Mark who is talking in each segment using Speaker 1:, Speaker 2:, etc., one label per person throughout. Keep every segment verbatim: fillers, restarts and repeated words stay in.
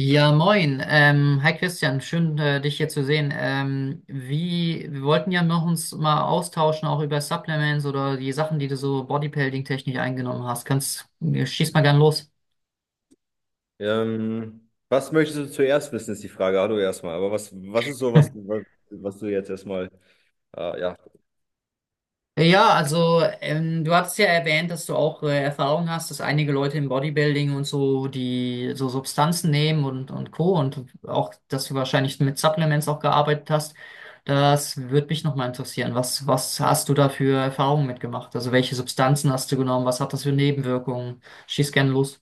Speaker 1: Ja, moin. Ähm, hi Christian, schön äh, dich hier zu sehen. Ähm, wie, wir wollten ja noch uns mal austauschen, auch über Supplements oder die Sachen, die du so bodybuilding-technisch eingenommen hast. Kannst, äh, schieß mal gern los.
Speaker 2: Ähm, was möchtest du zuerst wissen, ist die Frage. Hallo erstmal. Aber was, was ist so, was, was, was du jetzt erstmal, äh, ja.
Speaker 1: Ja, also ähm, du hattest ja erwähnt, dass du auch äh, Erfahrung hast, dass einige Leute im Bodybuilding und so, die so Substanzen nehmen und, und Co. und auch, dass du wahrscheinlich mit Supplements auch gearbeitet hast. Das würde mich nochmal interessieren. Was, was hast du da für Erfahrungen mitgemacht? Also welche Substanzen hast du genommen? Was hat das für Nebenwirkungen? Schieß gerne los.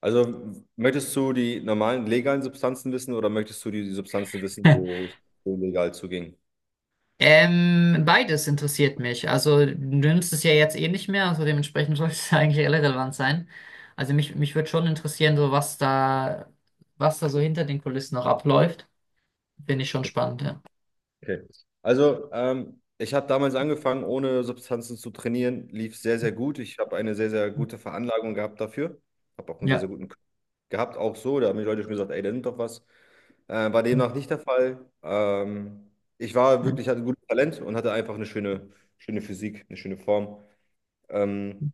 Speaker 2: Also, möchtest du die normalen legalen Substanzen wissen, oder möchtest du die die Substanzen wissen, wo es so legal zuging?
Speaker 1: Ähm, beides interessiert mich. Also du nimmst es ja jetzt eh nicht mehr, also dementsprechend sollte es eigentlich irrelevant sein. Also mich, mich würde schon interessieren, so was da, was da so hinter den Kulissen noch abläuft. Finde ich schon spannend, ja.
Speaker 2: Okay. Also, ähm, ich habe damals angefangen, ohne Substanzen zu trainieren. Lief sehr, sehr gut. Ich habe eine sehr, sehr gute Veranlagung gehabt dafür. Habe auch einen sehr, sehr
Speaker 1: Ja.
Speaker 2: guten Körper gehabt, auch so. Da haben die Leute schon gesagt, ey, da nimmt doch was. Äh, war demnach nicht der Fall. Ähm, ich war
Speaker 1: Mhm.
Speaker 2: wirklich, hatte ein gutes Talent und hatte einfach eine schöne, schöne Physik, eine schöne Form. Ähm,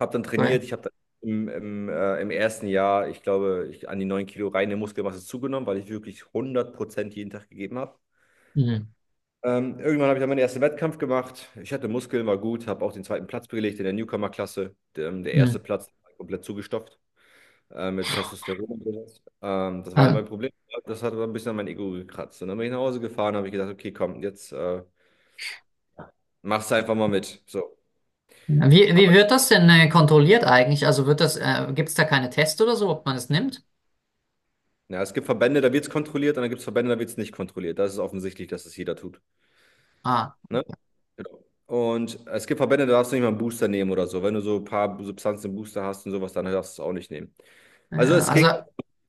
Speaker 2: Habe dann
Speaker 1: Cool.
Speaker 2: trainiert. Ich habe dann im, im, äh, im ersten Jahr, ich glaube, ich an die neun Kilo reine Muskelmasse zugenommen, weil ich wirklich hundert Prozent jeden Tag gegeben habe.
Speaker 1: Mhm.
Speaker 2: Ähm, irgendwann habe ich dann meinen ersten Wettkampf gemacht. Ich hatte Muskeln, war gut, habe auch den zweiten Platz belegt in der Newcomer-Klasse. Der, ähm, der erste
Speaker 1: Mhm.
Speaker 2: Platz war halt komplett zugestopft, äh, mit Testosteron und sowas. Ähm, das war halt
Speaker 1: Ah.
Speaker 2: mein Problem. Das hat dann ein bisschen an mein Ego gekratzt. Und dann bin ich nach Hause gefahren, habe ich gedacht, okay, komm, jetzt äh, machst du einfach mal mit. So.
Speaker 1: Wie,
Speaker 2: Haben
Speaker 1: wie wird
Speaker 2: wir-
Speaker 1: das denn äh, kontrolliert eigentlich? Also wird das, äh, gibt es da keine Tests oder so, ob man es nimmt?
Speaker 2: Ja, es gibt Verbände, da wird es kontrolliert, und dann gibt es Verbände, da wird es nicht kontrolliert. Das ist offensichtlich, dass es jeder tut.
Speaker 1: Ah,
Speaker 2: Ne? Genau. Und es gibt Verbände, da darfst du nicht mal einen Booster nehmen oder so. Wenn du so ein paar Substanzen im Booster hast und sowas, dann darfst du es auch nicht nehmen. Also
Speaker 1: ja,
Speaker 2: es ging
Speaker 1: also.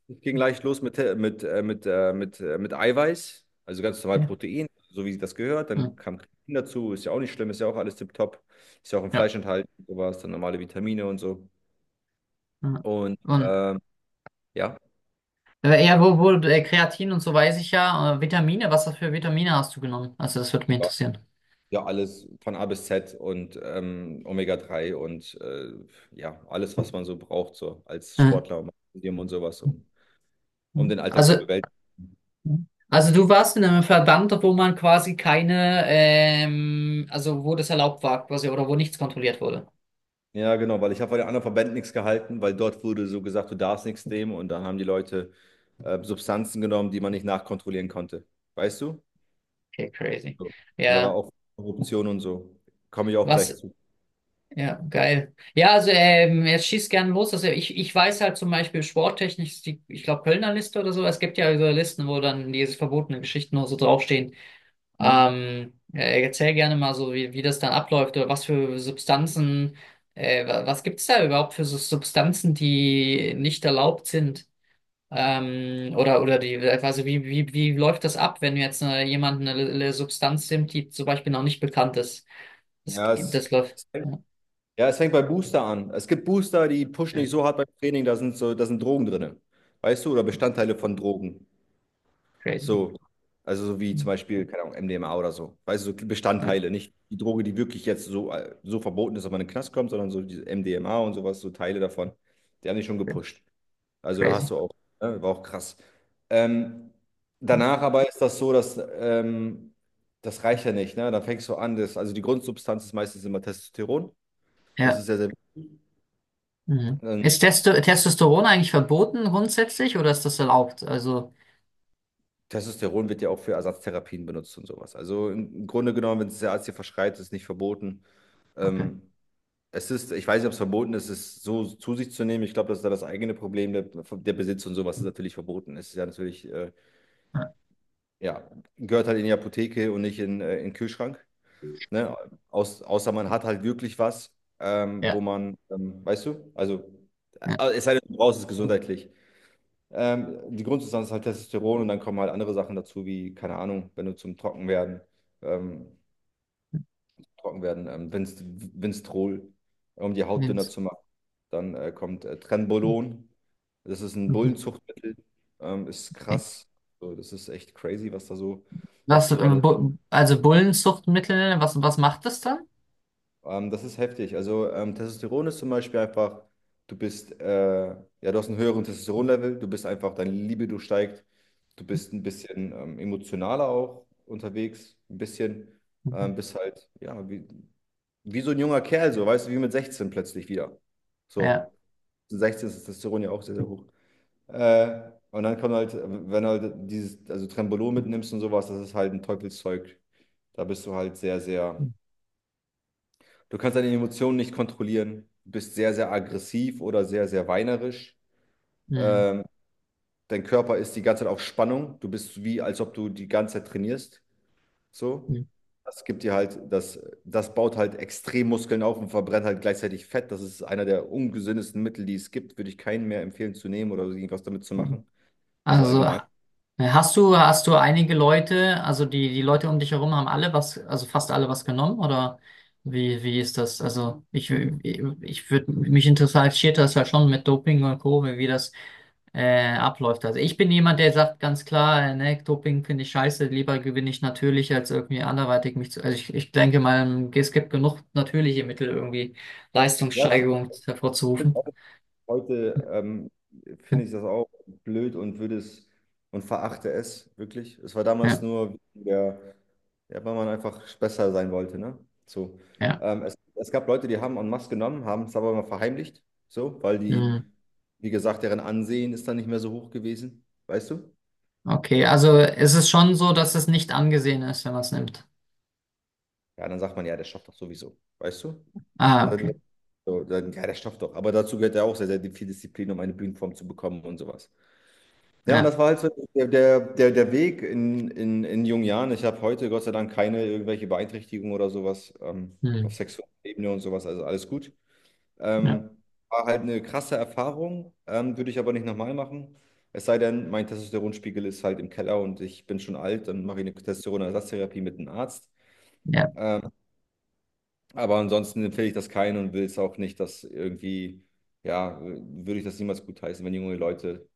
Speaker 2: Es ging leicht los mit, äh, mit, äh, mit, äh, mit, äh, mit Eiweiß, also ganz normal
Speaker 1: Ja.
Speaker 2: Protein, so wie das gehört. Dann
Speaker 1: Mhm.
Speaker 2: kam Kreatin dazu, ist ja auch nicht schlimm, ist ja auch alles tipptopp. Ist ja auch im
Speaker 1: Ja.
Speaker 2: Fleisch enthalten, sowas, dann normale Vitamine und so.
Speaker 1: Mhm.
Speaker 2: Und
Speaker 1: Und
Speaker 2: ähm, ja,
Speaker 1: äh, ja, wo, wo, äh, Kreatin und so weiß ich ja. Äh, Vitamine, was für Vitamine hast du genommen? Also das würde mich
Speaker 2: ja,
Speaker 1: interessieren.
Speaker 2: ja, alles von A bis Z und ähm, Omega drei und äh, ja, alles, was man so braucht, so als
Speaker 1: Ja.
Speaker 2: Sportler, um, und sowas, um, um den Alltag zu
Speaker 1: Also,
Speaker 2: bewältigen.
Speaker 1: also du warst in einem Verband, wo man quasi keine, ähm, also wo das erlaubt war quasi oder wo nichts kontrolliert wurde.
Speaker 2: Ja, genau, weil ich habe von den anderen Verbänden nichts gehalten, weil dort wurde so gesagt, du darfst nichts nehmen, und dann haben die Leute äh, Substanzen genommen, die man nicht nachkontrollieren konnte. Weißt du?
Speaker 1: Okay, crazy.
Speaker 2: So. Und da war
Speaker 1: Ja,
Speaker 2: auch Korruption und so. Komme ich auch gleich
Speaker 1: was,
Speaker 2: zu.
Speaker 1: ja, geil. Ja, also ähm, jetzt schießt gerne los. Also ich, ich weiß halt zum Beispiel sporttechnisch, ist die, ich glaube Kölner Liste oder so, es gibt ja so Listen, wo dann diese verbotenen Geschichten nur so draufstehen.
Speaker 2: Hm?
Speaker 1: Ähm, äh, erzähl gerne mal so, wie, wie das dann abläuft oder was für Substanzen, äh, wa- was gibt's da überhaupt für so Substanzen, die nicht erlaubt sind? Ähm, oder, oder die, also wie, wie, wie läuft das ab, wenn jetzt äh, jemand eine, eine Substanz nimmt, die zum Beispiel noch nicht bekannt ist? Das,
Speaker 2: Ja, es,
Speaker 1: das läuft.
Speaker 2: es fängt,
Speaker 1: Ja,
Speaker 2: ja, es fängt bei Booster an. Es gibt Booster, die pushen
Speaker 1: ja,
Speaker 2: nicht so hart beim Training, da sind so, da sind Drogen drin. Weißt du? Oder Bestandteile von Drogen.
Speaker 1: crazy.
Speaker 2: So, also so wie zum Beispiel, keine Ahnung, M D M A oder so. Weißt du, so
Speaker 1: Ja,
Speaker 2: Bestandteile, nicht die Droge, die wirklich jetzt so, äh, so verboten ist, dass man in den Knast kommt, sondern so diese M D M A und sowas, so Teile davon. Die haben dich schon gepusht. Also da hast
Speaker 1: crazy.
Speaker 2: du auch, ne, war auch krass. Ähm, Danach aber ist das so, dass ähm, das reicht ja nicht, ne? Dann fängst du an, das, also die Grundsubstanz ist meistens immer Testosteron. Das ist
Speaker 1: Ja.
Speaker 2: sehr, sehr wichtig.
Speaker 1: Mhm.
Speaker 2: ähm,
Speaker 1: Ist Testo Testosteron eigentlich verboten grundsätzlich oder ist das erlaubt? Also,
Speaker 2: Testosteron wird ja auch für Ersatztherapien benutzt und sowas. Also im Grunde genommen, wenn es der Arzt dir verschreibt, ist es nicht verboten.
Speaker 1: okay.
Speaker 2: Ähm, Es ist, ich weiß nicht, ob es verboten ist, es so zu sich zu nehmen. Ich glaube, das ist da das eigene Problem. Der, der Besitz und sowas ist natürlich verboten. Es ist ja natürlich, äh,
Speaker 1: Ja,
Speaker 2: ja, gehört halt in die Apotheke und nicht in, äh, in den Kühlschrank. Ne? Aus, außer man hat halt wirklich was, ähm, wo
Speaker 1: ja.
Speaker 2: man, ähm, weißt du, also,
Speaker 1: Ja.
Speaker 2: äh, es sei denn, du brauchst es gesundheitlich. Ähm, die Grundsubstanz ist halt Testosteron, und dann kommen halt andere Sachen dazu, wie, keine Ahnung, wenn du zum Trockenwerden. Ähm, Trocken werden. Ähm, Vinst- Vinstrol, um die Haut dünner
Speaker 1: Mindest-
Speaker 2: zu machen. Dann äh, kommt äh, Trenbolon. Das ist ein
Speaker 1: Mhm.
Speaker 2: Bullenzuchtmittel. Ähm, ist
Speaker 1: Okay.
Speaker 2: krass. So, das ist echt crazy, was da so, was
Speaker 1: Was,
Speaker 2: da
Speaker 1: äh,
Speaker 2: so alles.
Speaker 1: Bu- also Bullenzuchtmittel, was, was macht das dann?
Speaker 2: Ähm, das ist heftig. Also ähm, Testosteron ist zum Beispiel einfach, du bist, äh, ja, du hast einen höheren Testosteronlevel, du bist einfach, deine Libido steigt, du bist ein bisschen ähm, emotionaler auch unterwegs, ein bisschen,
Speaker 1: Mhm.
Speaker 2: ähm, bist halt, ja, wie, wie so ein junger Kerl, so, weißt du, wie mit sechzehn plötzlich wieder.
Speaker 1: Ja.
Speaker 2: So. sechzehn ist das Testosteron ja auch sehr, sehr hoch. Äh, und dann kommt halt, wenn du halt dieses, also Trembolon mitnimmst und sowas, das ist halt ein Teufelszeug. Da bist du halt sehr, sehr, du kannst deine Emotionen nicht kontrollieren, du bist sehr, sehr aggressiv oder sehr, sehr weinerisch.
Speaker 1: Mhm.
Speaker 2: Ähm, dein Körper ist die ganze Zeit auf Spannung. Du bist wie, als ob du die ganze Zeit trainierst. So.
Speaker 1: Mhm.
Speaker 2: Das gibt dir halt, das, das baut halt extrem Muskeln auf und verbrennt halt gleichzeitig Fett. Das ist einer der ungesündesten Mittel, die es gibt. Würde ich keinen mehr empfehlen zu nehmen oder so irgendwas damit zu machen. Also
Speaker 1: Also äh,
Speaker 2: allgemein.
Speaker 1: hast du, hast du einige Leute, also die, die Leute um dich herum haben alle was, also fast alle was genommen oder wie, wie ist das? Also ich, ich würde, mich interessiert das halt schon mit Doping und Co., wie wie das äh, abläuft. Also ich bin jemand, der sagt ganz klar, äh, ne, Doping finde ich scheiße, lieber gewinne ich natürlich, als irgendwie anderweitig mich zu. Also ich, ich denke mal, es gibt genug natürliche Mittel, irgendwie
Speaker 2: Das
Speaker 1: Leistungssteigerung hervorzurufen.
Speaker 2: Heute ähm,
Speaker 1: Ja,
Speaker 2: finde ich das auch blöd und würde es und verachte es wirklich. Es war damals
Speaker 1: ja.
Speaker 2: nur wegen der, ja, weil man einfach besser sein wollte, ne? So.
Speaker 1: Ja.
Speaker 2: Ähm, es, es gab Leute, die haben en masse genommen, haben es aber immer verheimlicht, so, weil die,
Speaker 1: Hm.
Speaker 2: wie gesagt, deren Ansehen ist dann nicht mehr so hoch gewesen, weißt du?
Speaker 1: Okay, also es ist es schon so, dass es nicht angesehen ist, wenn man es nimmt.
Speaker 2: Ja, dann sagt man, ja, der schafft doch sowieso, weißt du?
Speaker 1: Ah,
Speaker 2: Dann,
Speaker 1: okay.
Speaker 2: so, dann, ja, der schafft doch. Aber dazu gehört ja auch sehr, sehr viel Disziplin, um eine Bühnenform zu bekommen und sowas. Ja, und
Speaker 1: Ja.
Speaker 2: das war halt so der, der, der, der Weg in, in, in jungen Jahren. Ich habe heute Gott sei Dank keine irgendwelche Beeinträchtigung oder sowas, ähm,
Speaker 1: Hm.
Speaker 2: auf sexueller Ebene und sowas, also alles gut.
Speaker 1: Ja.
Speaker 2: Ähm, war halt eine krasse Erfahrung, ähm, würde ich aber nicht nochmal machen. Es sei denn, mein Testosteronspiegel ist halt im Keller und ich bin schon alt, dann mache ich eine Testosteronersatztherapie mit einem Arzt.
Speaker 1: Ja.
Speaker 2: Ähm, aber ansonsten empfehle ich das keinen und will es auch nicht, dass irgendwie, ja, würde ich das niemals gutheißen, wenn junge Leute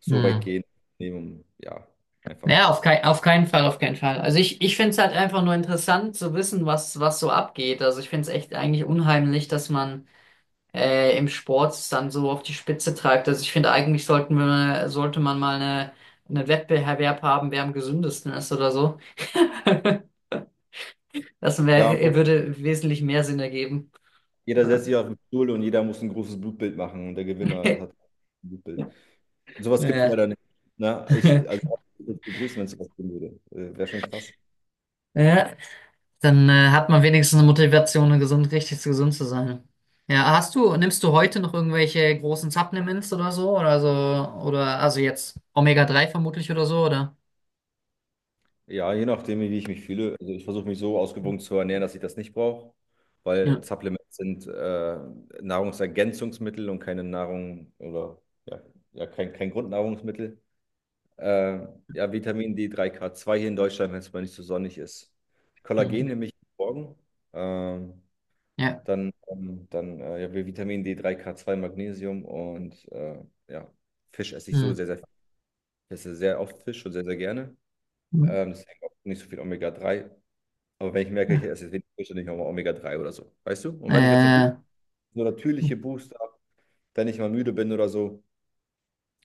Speaker 2: so weit
Speaker 1: Hm.
Speaker 2: gehen, nehmen, ja, einfach.
Speaker 1: Ja, auf kein, auf keinen Fall, auf keinen Fall. Also ich, ich finde es halt einfach nur interessant zu wissen, was, was so abgeht. Also ich finde es echt eigentlich unheimlich, dass man äh, im Sport es dann so auf die Spitze treibt. Also ich finde, eigentlich sollten wir, sollte man mal eine, einen Wettbewerb haben, wer am gesündesten ist oder so. Das
Speaker 2: Ja,
Speaker 1: wär,
Speaker 2: aber
Speaker 1: würde wesentlich mehr Sinn ergeben.
Speaker 2: jeder setzt
Speaker 1: Ja.
Speaker 2: sich auf den Stuhl und jeder muss ein großes Blutbild machen, und der Gewinner ist- hat ein Blutbild. Sowas gibt es
Speaker 1: Ja.
Speaker 2: leider nicht. Ne? Ich, also, ich würde begrüßen, wenn es sowas geben würde. Äh, Wäre schon krass.
Speaker 1: Ja. Dann äh, hat man wenigstens eine Motivation, gesund, richtig gesund zu sein. Ja, hast du, nimmst du heute noch irgendwelche großen Supplements oder so? Oder so, oder also jetzt omega drei vermutlich oder so, oder?
Speaker 2: Ja, je nachdem, wie ich mich fühle. Also ich versuche mich so ausgewogen zu ernähren, dass ich das nicht brauche, weil
Speaker 1: Ja.
Speaker 2: Supplements sind äh, Nahrungsergänzungsmittel und keine Nahrung oder ja, ja kein, kein Grundnahrungsmittel. Äh, ja, Vitamin D drei, K zwei hier in Deutschland, wenn es mal nicht so sonnig ist. Kollagen
Speaker 1: Mhm.
Speaker 2: nehme ich morgen. Ähm,
Speaker 1: Ja.
Speaker 2: dann ähm, dann äh, Ja, Vitamin D drei, K zwei, Magnesium und äh, ja, Fisch esse ich so
Speaker 1: Mhm.
Speaker 2: sehr, sehr, ich esse sehr oft Fisch und sehr, sehr gerne.
Speaker 1: Mhm.
Speaker 2: Ähm, deswegen auch nicht so viel Omega drei. Aber wenn ich merke, ich
Speaker 1: Ja.
Speaker 2: esse jetzt wenig Fisch, dann nehme ich auch mal Omega drei oder so. Weißt du? Und wenn ich jetzt so
Speaker 1: Äh.
Speaker 2: natürliche Booster habe, wenn ich mal müde bin oder so,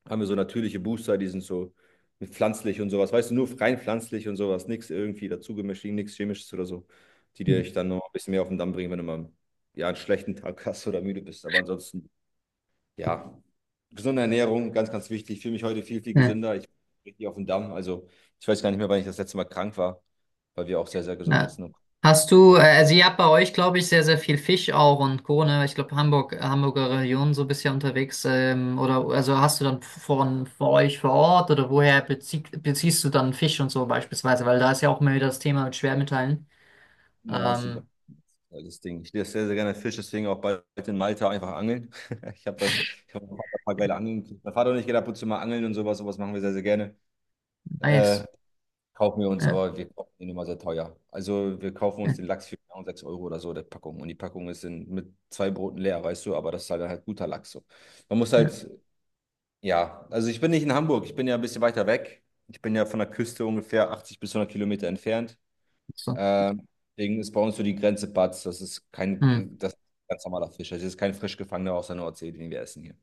Speaker 2: haben wir so natürliche Booster, die sind so mit pflanzlich und sowas. Weißt du, nur rein pflanzlich und sowas. Nichts irgendwie dazugemischt, nichts Chemisches oder so, die dir ich dann noch ein bisschen mehr auf den Damm bringen, wenn du mal, ja, einen schlechten Tag hast oder müde bist. Aber ansonsten, ja, gesunde Ernährung, ganz, ganz wichtig. Ich fühle mich heute viel, viel
Speaker 1: Ja,
Speaker 2: gesünder. Ich bin richtig auf den Damm. Also, ich weiß gar nicht mehr, wann ich das letzte Mal krank war, weil wir auch sehr, sehr gesund
Speaker 1: ja.
Speaker 2: essen. Und
Speaker 1: Hast du, äh, also ihr habt bei euch, glaube ich, sehr, sehr viel Fisch auch und Co., ne? Ich glaube, Hamburg, Hamburger Region so bisher unterwegs. Ähm, oder also hast du dann von vor euch vor Ort oder woher bezie beziehst du dann Fisch und so beispielsweise? Weil da ist ja auch immer wieder das Thema mit Schwermetallen.
Speaker 2: ja, ist überall
Speaker 1: Ähm,
Speaker 2: das Ding. Ich lese sehr, sehr gerne Fisch, deswegen auch bald in Malta einfach angeln. Ich habe da Ich hab da ein paar geile Angeln gekriegt. Mein Vater und ich gehen ab und zu mal angeln und sowas. Sowas machen wir sehr, sehr gerne.
Speaker 1: nice.
Speaker 2: Äh, kaufen wir uns,
Speaker 1: Ja,
Speaker 2: aber wir kaufen ihn immer sehr teuer. Also wir kaufen uns
Speaker 1: ja,
Speaker 2: den Lachs für genau sechs Euro oder so, der Packung. Und die Packung ist in, mit zwei Broten leer, weißt du, aber das ist halt, halt guter Lachs. So. Man muss
Speaker 1: ja.
Speaker 2: halt, ja, also ich bin nicht in Hamburg, ich bin ja ein bisschen weiter weg. Ich bin ja von der Küste ungefähr achtzig bis hundert Kilometer entfernt.
Speaker 1: So.
Speaker 2: Äh, deswegen ist bei uns so die Grenze Batz. Das ist kein,
Speaker 1: Hm.
Speaker 2: Das ist ein ganz normaler Fisch. Das ist kein frisch gefangener aus der Nordsee, den wir essen hier.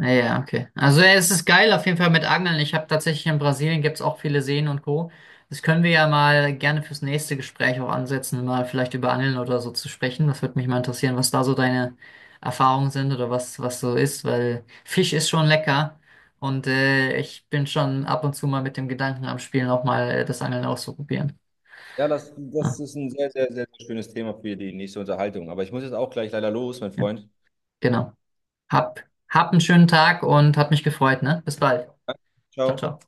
Speaker 1: Ah, ja, okay. Also ja, es ist geil auf jeden Fall mit Angeln. Ich habe tatsächlich in Brasilien gibt's auch viele Seen und Co. Das können wir ja mal gerne fürs nächste Gespräch auch ansetzen, mal vielleicht über Angeln oder so zu sprechen. Das würde mich mal interessieren, was da so deine Erfahrungen sind oder was, was so ist, weil Fisch ist schon lecker und äh, ich bin schon ab und zu mal mit dem Gedanken am Spielen auch mal äh, das Angeln auszuprobieren.
Speaker 2: Ja, das,
Speaker 1: Ah,
Speaker 2: das ist ein sehr, sehr, sehr schönes Thema für die nächste Unterhaltung. Aber ich muss jetzt auch gleich leider los, mein
Speaker 1: ja,
Speaker 2: Freund.
Speaker 1: genau. Hab, hab einen schönen Tag und hat mich gefreut, ne? Bis bald. Ciao,
Speaker 2: Ciao.
Speaker 1: ciao.